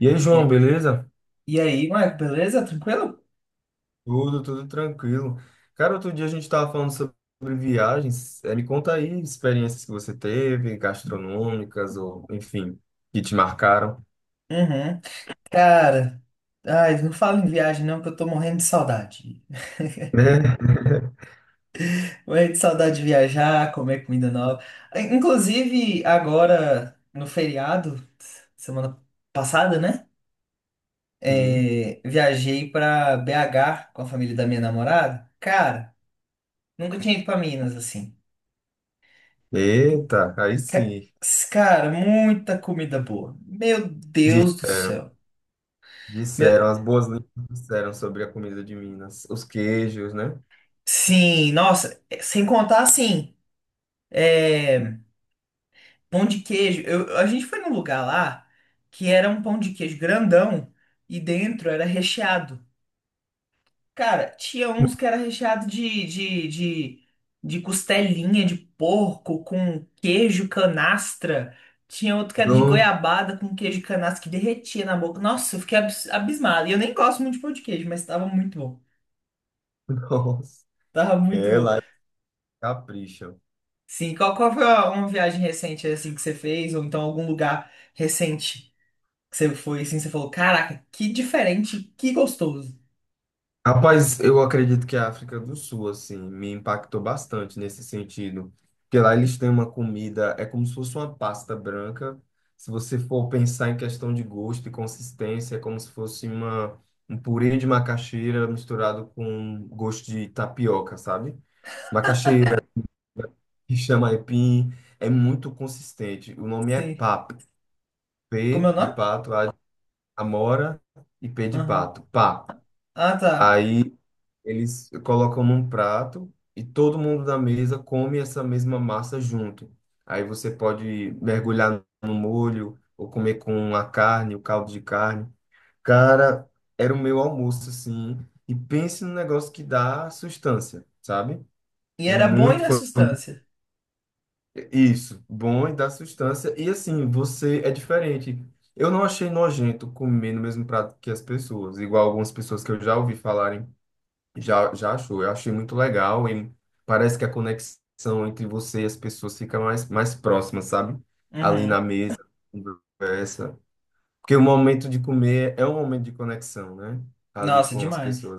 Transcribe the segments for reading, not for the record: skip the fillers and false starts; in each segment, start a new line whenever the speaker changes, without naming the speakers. E aí, João,
E,
beleza?
e aí, Marco, beleza? Tranquilo?
Tudo tranquilo. Cara, outro dia a gente estava falando sobre viagens. Me conta aí experiências que você teve, gastronômicas ou, enfim, que te marcaram.
Uhum. Cara, ai, não fala em viagem não, que eu tô morrendo de saudade.
Né?
Morrendo de saudade de viajar, comer comida nova. Inclusive, agora, no feriado, semana passada, né?
Sim.
É, viajei pra BH com a família da minha namorada. Cara, nunca tinha ido pra Minas, assim.
Eita, aí
Ca-
sim.
Cara, muita comida boa. Meu
Di-
Deus do céu.
Disseram,
Meu-
as boas línguas disseram sobre a comida de Minas. Os queijos, né?
Sim, nossa, sem contar assim. É, pão de queijo. A gente foi num lugar lá que era um pão de queijo grandão e dentro era recheado. Cara, tinha uns que era recheado de costelinha de porco com queijo canastra. Tinha outro que era de
Não,
goiabada com queijo canastra que derretia na boca. Nossa, eu fiquei abismado. E eu nem gosto muito de pão de queijo, mas tava muito bom.
nossa.
Tava muito
É,
bom.
lá eles capricham.
Sim, qual foi uma viagem recente assim que você fez? Ou então algum lugar recente? Que você foi assim, você falou, caraca, que diferente, que gostoso.
Rapaz, eu acredito que a África do Sul, assim, me impactou bastante nesse sentido. Porque lá eles têm uma comida, é como se fosse uma pasta branca. Se você for pensar em questão de gosto e consistência, é como se fosse uma, um purê de macaxeira misturado com gosto de tapioca, sabe? Macaxeira, que chama aipim, é muito consistente. O nome é
Sim.
pap.
Como é
P
o
de
nome?
pato, A de amora e P de
Aham.
pato. Pap.
Ah, tá.
Aí. Eles colocam num prato e todo mundo da mesa come essa mesma massa junto. Aí você pode mergulhar no molho ou comer com a carne, o caldo de carne. Cara, era o meu almoço, assim. E pense num negócio que dá sustância, sabe?
E
É
era bom e
muito
na
fo-
substância.
isso, bom e dá sustância. E assim, você é diferente. Eu não achei nojento comer no mesmo prato que as pessoas, igual algumas pessoas que eu já ouvi falarem já achou, eu achei muito legal e parece que a conexão entre você e as pessoas fica mais próxima, sabe? Ali na
Uhum.
mesa, conversa. Porque o momento de comer é um momento de conexão, né? Ali
Nossa,
com as
demais.
pessoas,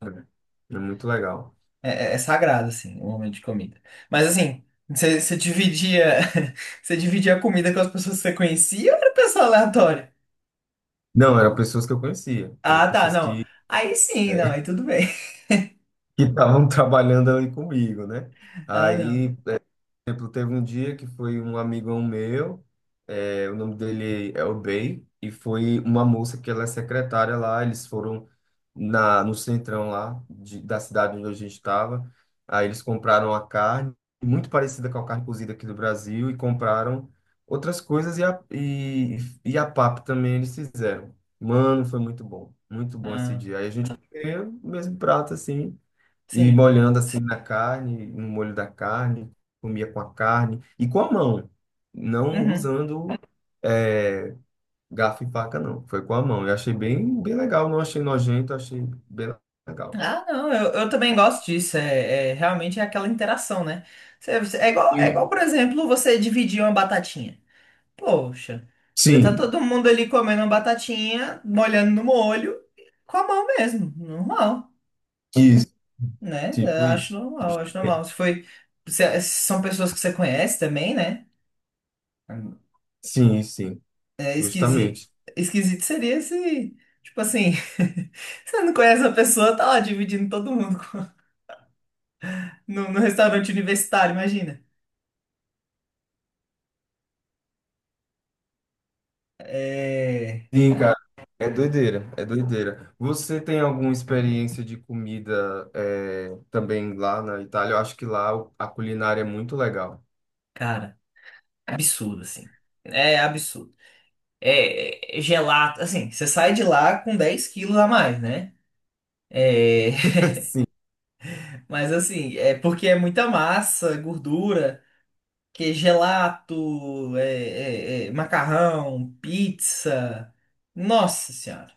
sabe? É muito legal.
É sagrado, assim, o momento de comida. Mas assim, você dividia, você dividia a comida com as pessoas que você conhecia ou era pessoa aleatória?
Não, eram pessoas que eu conhecia, eram
Ah, tá,
pessoas
não.
que
Aí sim, não, aí tudo bem.
que estavam trabalhando ali comigo, né?
Ah, não.
Aí exemplo, teve um dia que foi um amigão meu, o nome dele é Obey, e foi uma moça que ela é secretária lá, eles foram no centrão lá da cidade onde a gente estava, aí eles compraram a carne, muito parecida com a carne cozida aqui do Brasil, e compraram outras coisas, e a papa também eles fizeram. Mano, foi muito bom esse
Ah,
dia. Aí a gente comeu o mesmo prato, assim, e
sim.
molhando assim na carne, no molho da carne, comia com a carne e com a mão, não
Uhum.
usando é, garfo e faca, não. Foi com a mão. Eu achei bem legal, não achei nojento, achei bem legal.
Ah, não, eu também gosto disso. Realmente é aquela interação, né? É igual, por exemplo, você dividir uma batatinha. Poxa, vai tá
Sim,
todo mundo ali comendo uma batatinha, molhando no molho, com a mão mesmo, normal,
isso,
né? Eu
tipo
acho
isso.
normal, acho normal. Se foi, se- é, se são pessoas que você conhece também, né?
Sim, sim,
É esquisito,
justamente.
esquisito seria se, tipo assim, você não conhece a pessoa, tá lá dividindo todo mundo no restaurante universitário, imagina. É,
Sim, cara, é doideira. Você tem alguma experiência de comida também lá na Itália? Eu acho que lá a culinária é muito legal.
cara, absurdo, assim. É absurdo. É gelato, assim, você sai de lá com 10 quilos a mais, né? É,
Sim,
mas assim, é porque é muita massa, é gordura, que é gelato, macarrão, pizza. Nossa Senhora.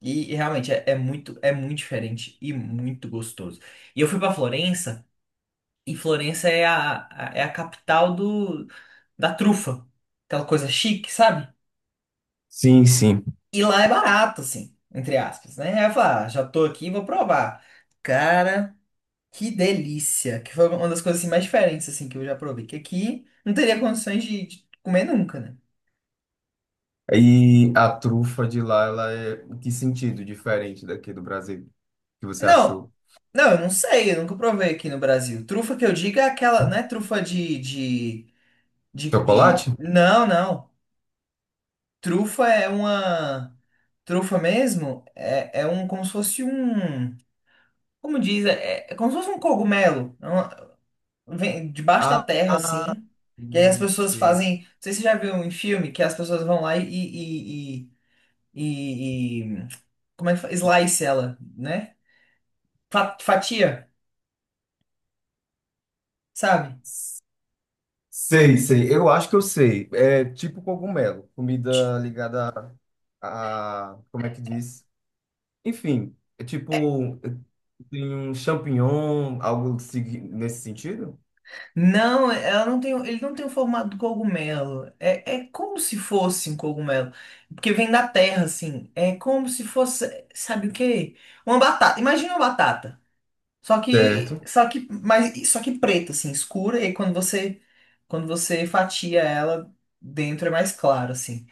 E realmente é muito diferente e muito gostoso. E eu fui pra Florença, e Florença é é a capital da trufa. Aquela coisa chique, sabe?
sim.
E lá é barato, assim, entre aspas, né? Aí eu falei, ah, já tô aqui, vou provar. Cara, que delícia! Que foi uma das coisas assim, mais diferentes, assim, que eu já provei. Que aqui não teria condições de comer nunca, né?
E a trufa de lá, ela é em que sentido diferente daqui do Brasil? Que você
Não,
achou?
não, eu não sei, eu nunca provei aqui no Brasil. Trufa que eu digo é aquela, não é trufa de...
Chocolate?
Não, não. Trufa é uma... Trufa mesmo é, é um, como se fosse um... Como diz? É como se fosse um cogumelo. Vem debaixo da
Ah,
terra, assim. E aí as
hum,
pessoas
sei,
fazem. Não sei se você já viu em filme que as pessoas vão lá e- e- como é que fala? Slice ela, né? Fatia, sabe?
sei. Eu acho que eu sei. É tipo cogumelo,
Ti-
comida ligada como é que diz? Enfim, é tipo tem um champignon, nesse sentido?
Não, ela não tem, ele não tem o formato do cogumelo. É, é como se fosse um cogumelo. Porque vem da terra, assim. É como se fosse, sabe o quê? Uma batata. Imagina uma batata. Só que,
Certo.
só que, mas, só que preta, assim, escura, e quando você fatia ela, dentro é mais claro, assim.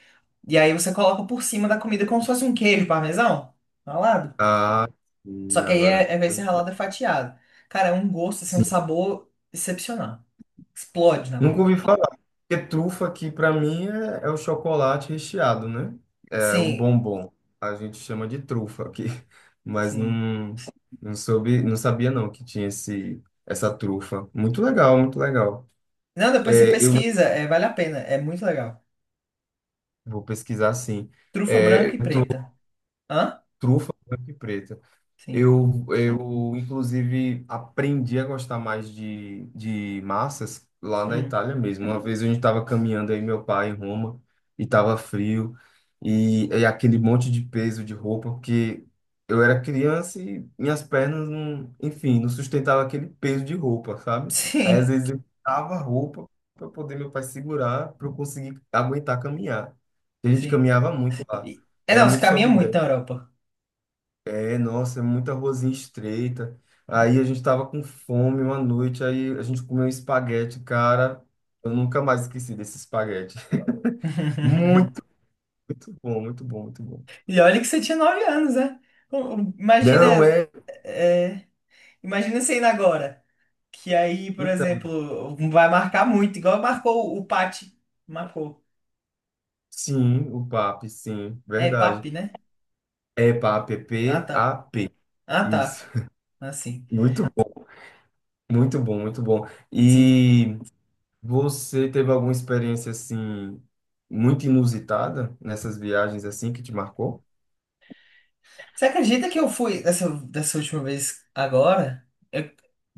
E aí você coloca por cima da comida como se fosse um queijo parmesão, ralado.
Ah,
Só
sim,
que aí
agora.
vai ser ralado e fatiado. Cara, é um gosto, assim, um sabor excepcional. Explode na
Nunca
boca.
ouvi falar. Porque trufa aqui para mim é o chocolate recheado, né? É o
Sim,
bombom. A gente chama de trufa aqui. Mas
sim.
não, não soube, não sabia não que tinha essa trufa. Muito legal.
Não, depois você
É, eu
pesquisa, vale a pena, é muito legal.
vou pesquisar sim.
Trufa
É,
branca e
eu tô
preta. Hã?
trufa branca e preta.
Sim.
Inclusive, aprendi a gostar mais de massas lá na
Hum.
Itália mesmo. Uma vez a gente estava caminhando aí, meu pai, em Roma, e estava frio, e aquele monte de peso de roupa, porque eu era criança e minhas pernas, não, enfim, não sustentava aquele peso de roupa, sabe? Aí, às
Sim,
vezes, eu tava roupa para poder meu pai segurar, para eu conseguir aguentar caminhar. E a gente
sim.
caminhava muito lá. Era
Não, você
muito
caminha
sobe
muito na Europa.
é, nossa, é muita ruazinha estreita. Aí a gente tava com fome uma noite, aí a gente comeu um espaguete, cara. Eu nunca mais esqueci desse espaguete. Muito, muito bom.
E olha que você tinha 9 anos, né? O- o- Imagina,
Não é?
é, imagina você indo agora. Que aí, por
Então,
exemplo, vai marcar muito, igual marcou o Pati. Marcou.
sim, o PAP, sim,
É,
verdade.
Papi, né?
É PAP,
Ah, tá.
P-A-P.
Ah,
Isso.
tá. Assim.
Muito bom, muito bom.
Sim.
E você teve alguma experiência assim muito inusitada nessas viagens assim que te marcou?
Você acredita que eu fui dessa última vez agora? Eu-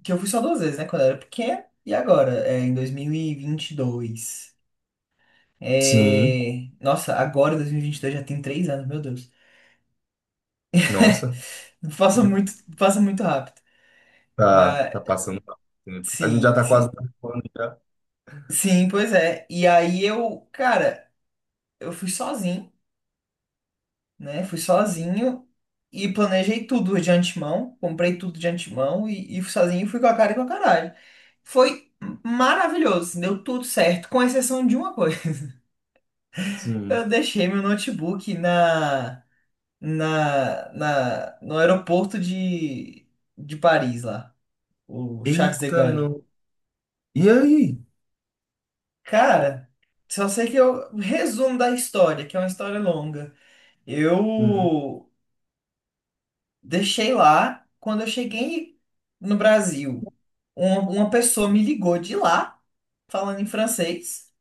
que eu fui só duas vezes, né? Quando eu era pequeno. E agora? É, em 2022.
Sim.
Nossa, agora em 2022 já tem 3 anos, meu Deus.
Nossa,
Passa muito rápido. Mas
tá passando rápido o tempo. A gente já
sim,
tá quase
sim.
acabando já.
Sim, pois é. E aí eu, cara, eu fui sozinho, né? Fui sozinho e planejei tudo de antemão, comprei tudo de antemão e fui sozinho, fui com a cara e com a caralho. Foi maravilhoso, assim, deu tudo certo, com exceção de uma coisa.
Sim.
Eu deixei meu notebook no aeroporto de Paris lá, o Charles de
Eita,
Gaulle.
não. E aí?
Cara, só sei que eu resumo da história, que é uma história longa.
Uhum.
Eu deixei lá, quando eu cheguei no Brasil, uma pessoa me ligou de lá, falando em francês.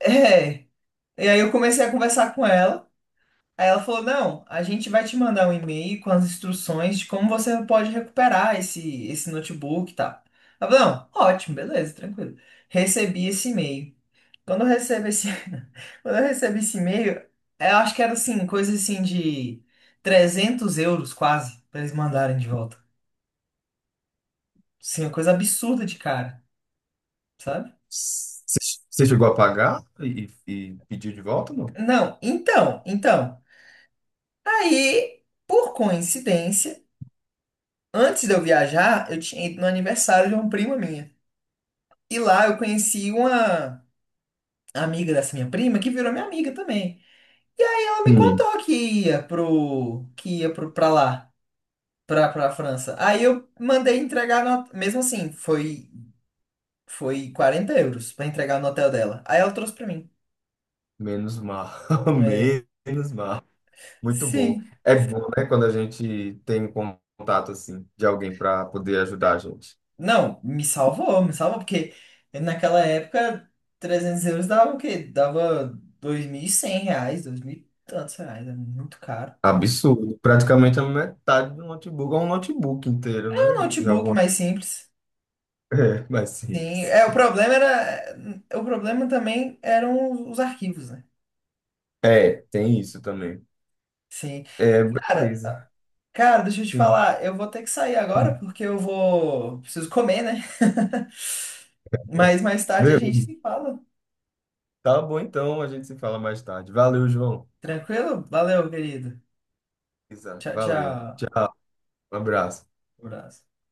É, e aí eu comecei a conversar com ela. Aí ela falou: Não, a gente vai te mandar um e-mail com as instruções de como você pode recuperar esse notebook e tal. Ela falou: Não, ótimo, beleza, tranquilo. Recebi esse e-mail. Quando eu recebo esse, quando eu recebo esse e-mail, eu acho que era assim, coisa assim de 300 euros quase, pra eles mandarem de volta. Sim, uma coisa absurda de cara, sabe?
Você você chegou a pagar e pediu de volta, não?
Não, então. Aí, por coincidência, antes de eu viajar, eu tinha ido no aniversário de uma prima minha. E lá eu conheci uma amiga dessa minha prima que virou minha amiga também. E aí ela me
Sim.
contou que ia pro, pra lá. Pra França. Aí eu mandei entregar, no, mesmo assim, foi 40 euros pra entregar no hotel dela. Aí ela trouxe pra mim.
Menos mal.
É,
Menos mal. Muito bom.
sim.
É bom, né, quando a gente tem um contato assim de alguém para poder ajudar a gente.
Não, me salvou, porque naquela época 300 euros dava o quê? Dava 2.100 reais, 2.000 e tantos reais, era muito caro.
Absurdo. Praticamente a metade do notebook, ou um notebook inteiro,
É,
né?
um
De
notebook
alguma...
mais simples.
É, mais
Sim,
simples.
o problema era, o problema também eram os arquivos, né?
É, tem isso também.
Sim.
É,
Cara,
beleza.
Deixa eu te
Sim.
falar, eu vou ter que sair agora porque eu vou. Preciso comer, né? Mas mais tarde a
Beleza.
gente se fala.
Tá bom, então a gente se fala mais tarde. Valeu, João.
Tranquilo? Valeu, querido.
Isa,
Tchau,
valeu.
tchau.
Tchau. Um abraço.
Um abraço.